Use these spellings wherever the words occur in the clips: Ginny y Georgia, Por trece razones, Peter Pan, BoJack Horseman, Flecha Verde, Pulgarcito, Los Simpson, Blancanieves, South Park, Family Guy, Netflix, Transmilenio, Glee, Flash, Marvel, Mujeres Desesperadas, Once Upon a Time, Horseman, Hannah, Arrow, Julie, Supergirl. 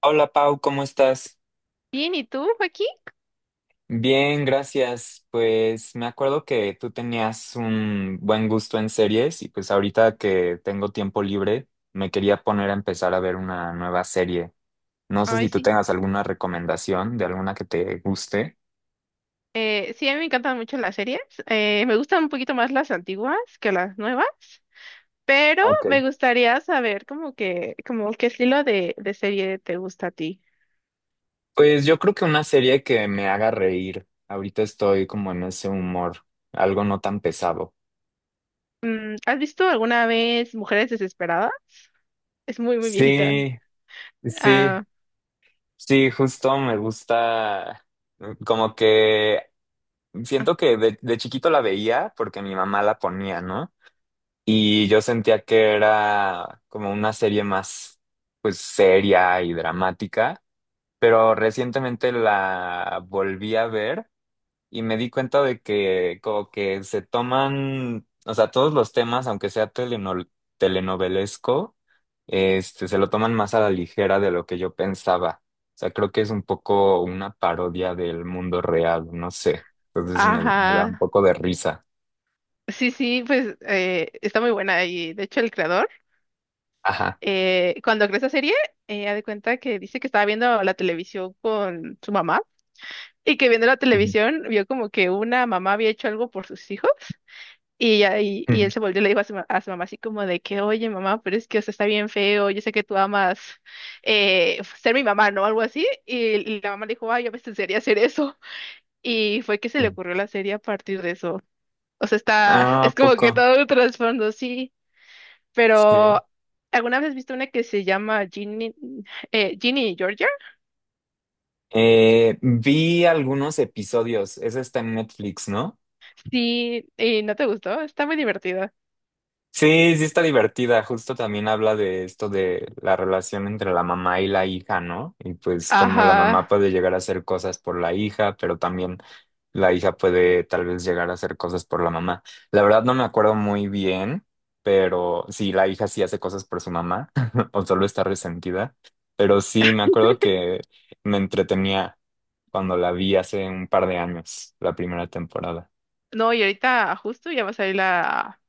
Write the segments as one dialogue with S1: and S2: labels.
S1: Hola Pau, ¿cómo estás?
S2: Bien, ¿y tú, Joaquín?
S1: Bien, gracias. Pues me acuerdo que tú tenías un buen gusto en series y pues ahorita que tengo tiempo libre me quería poner a empezar a ver una nueva serie. No sé
S2: Ay,
S1: si tú
S2: sí.
S1: tengas alguna recomendación de alguna que te guste.
S2: Sí, a mí me encantan mucho las series. Me gustan un poquito más las antiguas que las nuevas, pero
S1: Ok.
S2: me gustaría saber como que, como qué estilo de serie te gusta a ti.
S1: Pues yo creo que una serie que me haga reír. Ahorita estoy como en ese humor, algo no tan pesado.
S2: Mm, ¿has visto alguna vez Mujeres Desesperadas? Es muy, muy viejita.
S1: Sí, sí,
S2: Ah,
S1: sí, justo me gusta. Mm, como que siento que de chiquito la veía porque mi mamá la ponía, ¿no? Y yo sentía que era como una serie más, pues, seria y dramática, pero recientemente la volví a ver y me di cuenta de que como que se toman, o sea, todos los temas, aunque sea telenovelesco, este, se lo toman más a la ligera de lo que yo pensaba. O sea, creo que es un poco una parodia del mundo real, no sé. Entonces me da un
S2: ajá.
S1: poco de risa.
S2: Sí, sí, pues está muy buena y de hecho el creador,
S1: Ajá.
S2: cuando creó esa serie, ha de cuenta que dice que estaba viendo la televisión con su mamá. Y que viendo la
S1: Ujú.
S2: televisión, vio como que una mamá había hecho algo por sus hijos. Y él
S1: Ujú.
S2: se volvió y le dijo a su mamá así como de que, oye, mamá, pero es que, o sea, está bien feo, yo sé que tú amas ser mi mamá, ¿no? Algo así. Y la mamá le dijo, ay, yo me enseñaría hacer eso. Y fue que se le
S1: Ujú.
S2: ocurrió la serie a partir de eso. O sea, está,
S1: Ah,
S2: es
S1: ¿a
S2: como que
S1: poco?
S2: todo un trasfondo, sí.
S1: Sí.
S2: Pero, ¿alguna vez has visto una que se llama Ginny, Ginny y Georgia?
S1: Vi algunos episodios. Ese está en Netflix, ¿no?
S2: Sí, y no te gustó, está muy divertida.
S1: Sí, sí está divertida. Justo también habla de esto de la relación entre la mamá y la hija, ¿no? Y pues cómo la mamá
S2: Ajá.
S1: puede llegar a hacer cosas por la hija, pero también la hija puede tal vez llegar a hacer cosas por la mamá. La verdad no me acuerdo muy bien, pero sí, la hija sí hace cosas por su mamá o solo está resentida. Pero sí, me acuerdo que me entretenía cuando la vi hace un par de años, la primera temporada.
S2: No, y ahorita justo ya va a salir la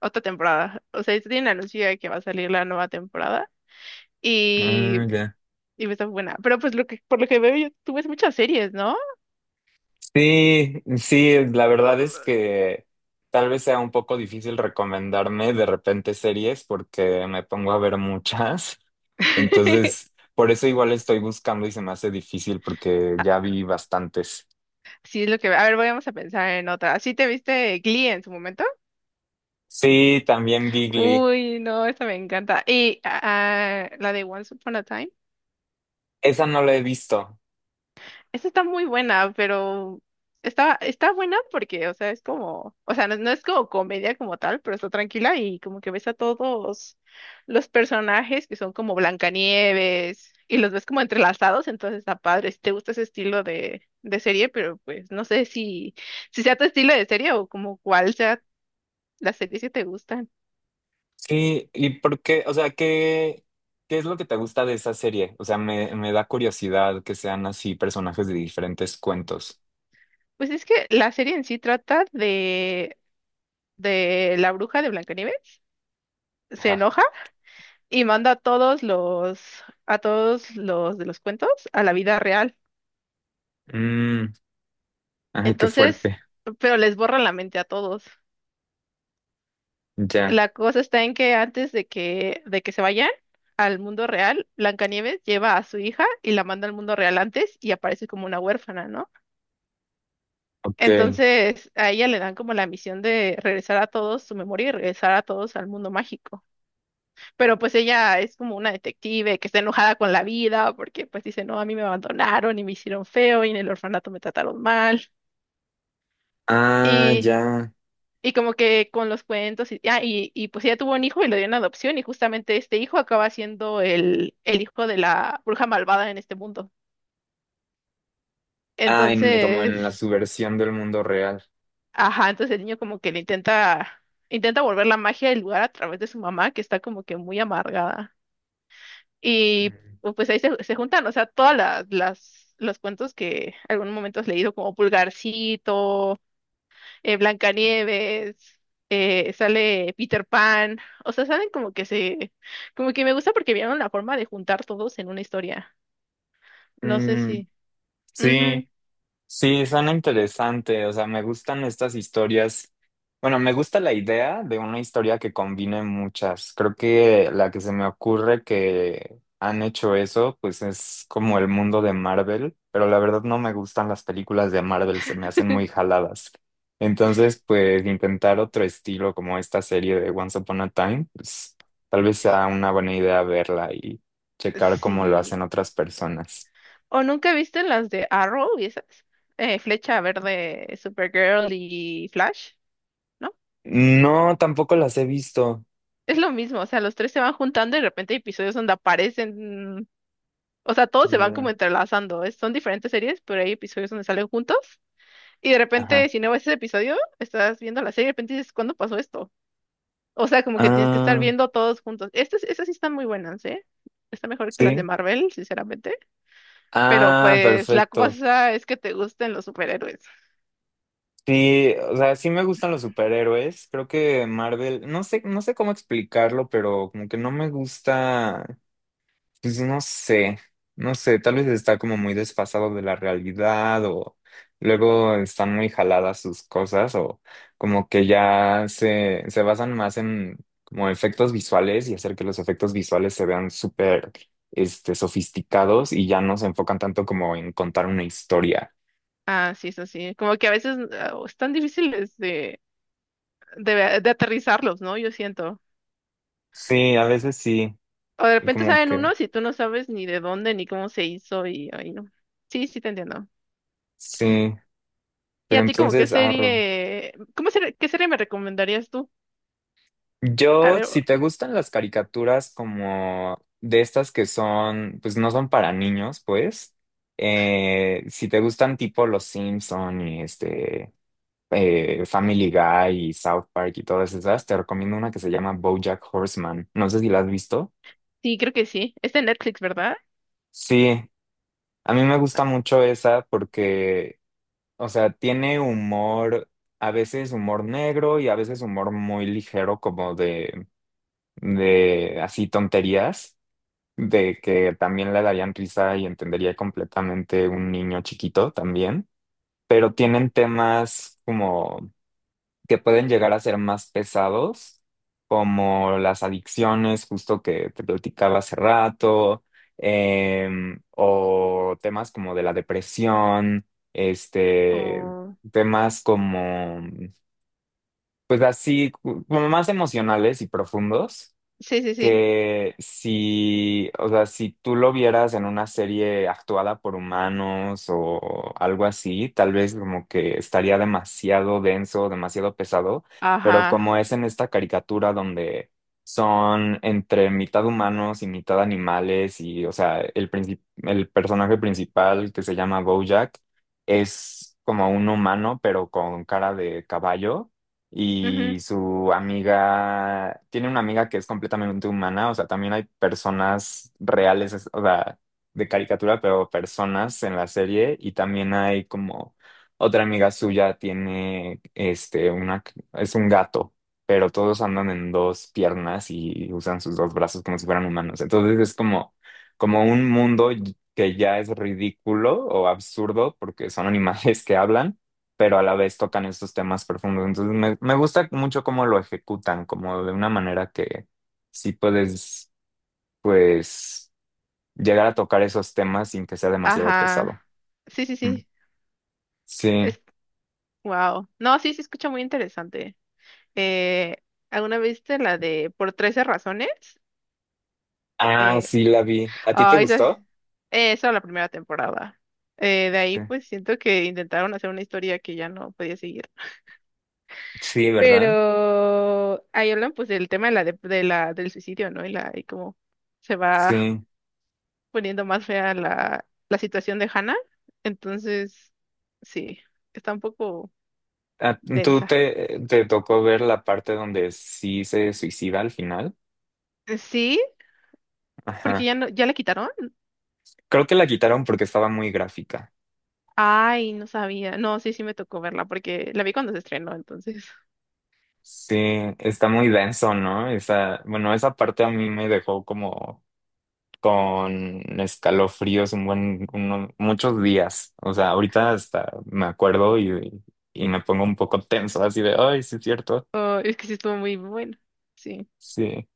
S2: otra temporada. O sea, ya tienen anuncio de que va a salir la nueva temporada y,
S1: Ah, ya.
S2: y está buena. Pero pues lo que, por lo que veo, yo, tú ves muchas series, ¿no?
S1: Sí, sí, la verdad es que tal vez sea un poco difícil recomendarme de repente series porque me pongo a ver muchas. Entonces, por eso igual estoy buscando y se me hace difícil porque ya vi bastantes.
S2: Sí, es lo que veo. A ver, vamos a pensar en otra. ¿Sí te viste Glee en su momento?
S1: Sí, también Bigly.
S2: Uy, no, esa me encanta. Y la de Once Upon a Time.
S1: Esa no la he visto.
S2: Esa está muy buena, pero está, está buena porque, o sea, es como, o sea, no, no es como comedia como tal, pero está tranquila y como que ves a todos los personajes que son como Blancanieves y los ves como entrelazados, entonces está padre. Si te gusta ese estilo de serie, pero pues no sé si, si sea tu estilo de serie o como cuál sea las series que te gustan.
S1: Sí, ¿y por qué? O sea, ¿qué, qué es lo que te gusta de esa serie? O sea, me da curiosidad que sean así personajes de diferentes cuentos.
S2: Pues es que la serie en sí trata de la bruja de Blancanieves, se
S1: Ajá.
S2: enoja y manda a a todos los de los cuentos a la vida real.
S1: Mm, ay, qué
S2: Entonces,
S1: fuerte.
S2: pero les borra la mente a todos.
S1: Ya.
S2: La cosa está en que antes de que se vayan al mundo real, Blancanieves lleva a su hija y la manda al mundo real antes y aparece como una huérfana, ¿no?
S1: Ok.
S2: Entonces, a ella le dan como la misión de regresar a todos su memoria y regresar a todos al mundo mágico. Pero pues ella es como una detective que está enojada con la vida porque pues dice, no, a mí me abandonaron y me hicieron feo y en el orfanato me trataron mal.
S1: Ah,
S2: Y,
S1: ya.
S2: y como que con los cuentos y, ah, y pues ella tuvo un hijo y lo dio en adopción y justamente este hijo acaba siendo el hijo de la bruja malvada en este mundo.
S1: Ah, como en la
S2: Entonces,
S1: subversión del mundo real.
S2: ajá, entonces el niño como que intenta volver la magia del lugar a través de su mamá que está como que muy amargada. Y
S1: Mm,
S2: pues ahí se, se juntan, o sea, todas los cuentos que algún momento has leído, como Pulgarcito, Blancanieves, sale Peter Pan, o sea, saben como que se, como que me gusta porque vieron la forma de juntar todos en una historia. No sé si,
S1: mm, sí, Sí, suena interesante, o sea, me gustan estas historias. Bueno, me gusta la idea de una historia que combine muchas. Creo que la que se me ocurre que han hecho eso, pues es como el mundo de Marvel, pero la verdad no me gustan las películas de Marvel, se me hacen muy jaladas. Entonces, pues intentar otro estilo como esta serie de Once Upon a Time, pues tal vez sea una buena idea verla y
S2: ujú,
S1: checar cómo lo hacen
S2: sí.
S1: otras personas.
S2: ¿O nunca viste las de Arrow y esas? Flecha Verde, Supergirl y Flash. ¿No?
S1: No, tampoco las he visto.
S2: Es lo mismo, o sea, los tres se van juntando y de repente hay episodios donde aparecen. O sea, todos se van como
S1: Ya.
S2: entrelazando. Son diferentes series, pero hay episodios donde salen juntos. Y de repente,
S1: Ajá.
S2: si no ves ese episodio, estás viendo la serie y de repente dices, ¿cuándo pasó esto? O sea, como que tienes que estar
S1: Ah,
S2: viendo todos juntos. Estas sí están muy buenas, ¿eh? Está mejor que las de
S1: sí.
S2: Marvel, sinceramente. Pero
S1: Ah,
S2: pues la
S1: perfecto.
S2: cosa es que te gusten los superhéroes.
S1: Sí, o sea, sí me gustan los superhéroes. Creo que Marvel, no sé, no sé cómo explicarlo, pero como que no me gusta. Pues no sé, no sé, tal vez está como muy desfasado de la realidad o luego están muy jaladas sus cosas o como que ya se basan más en como efectos visuales y hacer que los efectos visuales se vean súper, sofisticados y ya no se enfocan tanto como en contar una historia.
S2: Ah, sí, eso sí. Como que a veces están difíciles de, de aterrizarlos, ¿no? Yo siento.
S1: Sí, a veces sí,
S2: O de
S1: y
S2: repente
S1: como
S2: salen
S1: que
S2: unos y tú no sabes ni de dónde ni cómo se hizo y ahí no. Sí, sí te entiendo.
S1: sí,
S2: ¿Y
S1: pero
S2: a ti como qué
S1: entonces, arro.
S2: serie, qué serie me recomendarías tú? A
S1: Yo,
S2: ver,
S1: si te gustan las caricaturas como de estas que son, pues no son para niños, pues, si te gustan tipo Los Simpson y Family Guy y South Park y todas esas, te recomiendo una que se llama BoJack Horseman. No sé si la has visto.
S2: sí, creo que sí. Es de Netflix, ¿verdad?
S1: Sí, a mí me gusta mucho esa porque, o sea, tiene humor, a veces humor negro y a veces humor muy ligero como de así tonterías, de que también le darían risa y entendería completamente un niño chiquito también, pero tienen temas como que pueden llegar a ser más pesados, como las adicciones, justo que te platicaba hace rato, o temas como de la depresión, este,
S2: O...
S1: temas como, pues así, como más emocionales y profundos
S2: Sí, sí, sí.
S1: que si, o sea, si tú lo vieras en una serie actuada por humanos o algo así, tal vez como que estaría demasiado denso, demasiado pesado, pero
S2: Ajá.
S1: como es en esta caricatura donde son entre mitad humanos y mitad animales y, o sea, el el personaje principal que se llama Bojack es como un humano, pero con cara de caballo
S2: Ujú.
S1: y su amiga, tiene una amiga que es completamente humana, o sea, también hay personas reales, o sea, de caricatura, pero personas en la serie y también hay como otra amiga suya tiene, este, una, es un gato, pero todos andan en dos piernas y usan sus dos brazos como si fueran humanos. Entonces es como, como un mundo que ya es ridículo o absurdo porque son animales que hablan, pero a la vez tocan estos temas profundos. Entonces me gusta mucho cómo lo ejecutan, como de una manera que sí puedes, pues, llegar a tocar esos temas sin que sea demasiado pesado.
S2: Ajá. Sí, sí,
S1: Mm.
S2: sí.
S1: Sí.
S2: Es... Wow. No, sí, se escucha muy interesante. Eh, ¿Alguna vez viste la de Por trece razones?
S1: Ah,
S2: Eh,
S1: sí, la vi. ¿A ti te
S2: esa,
S1: gustó?
S2: esa la primera temporada. De ahí
S1: Sí.
S2: pues siento que intentaron hacer una historia que ya no podía seguir.
S1: Sí, ¿verdad?
S2: Pero ahí hablan pues del tema de la, dep- de, la, del suicidio, ¿no? Y, la, y cómo se va
S1: Sí.
S2: poniendo más fea la situación de Hannah. Entonces, sí, está un poco
S1: Ah, ¿tú
S2: densa.
S1: te tocó ver la parte donde sí se suicida al final?
S2: Sí, porque
S1: Ajá.
S2: ya no, ya la quitaron.
S1: Creo que la quitaron porque estaba muy gráfica.
S2: Ay, no sabía. No, sí, sí me tocó verla porque la vi cuando se estrenó, entonces.
S1: Sí, está muy denso, ¿no? Esa, bueno, esa parte a mí me dejó como con escalofríos un buen, muchos días. O sea, ahorita hasta me acuerdo y me pongo un poco tenso, así de, ay, sí es cierto.
S2: Oh, es que sí estuvo muy bueno. Sí,
S1: Sí,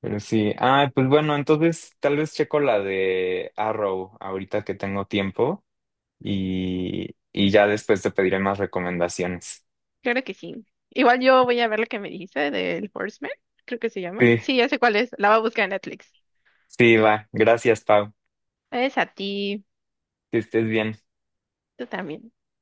S1: pero sí. Ah, pues bueno, entonces tal vez checo la de Arrow ahorita que tengo tiempo y ya después te pediré más recomendaciones.
S2: claro que sí. Igual yo voy a ver la que me dijiste del Horseman, creo que se llama.
S1: Sí,
S2: Sí, ya sé cuál es. La voy a buscar en Netflix.
S1: sí, va. Gracias, Pau.
S2: Es a ti.
S1: Que estés bien.
S2: Tú también.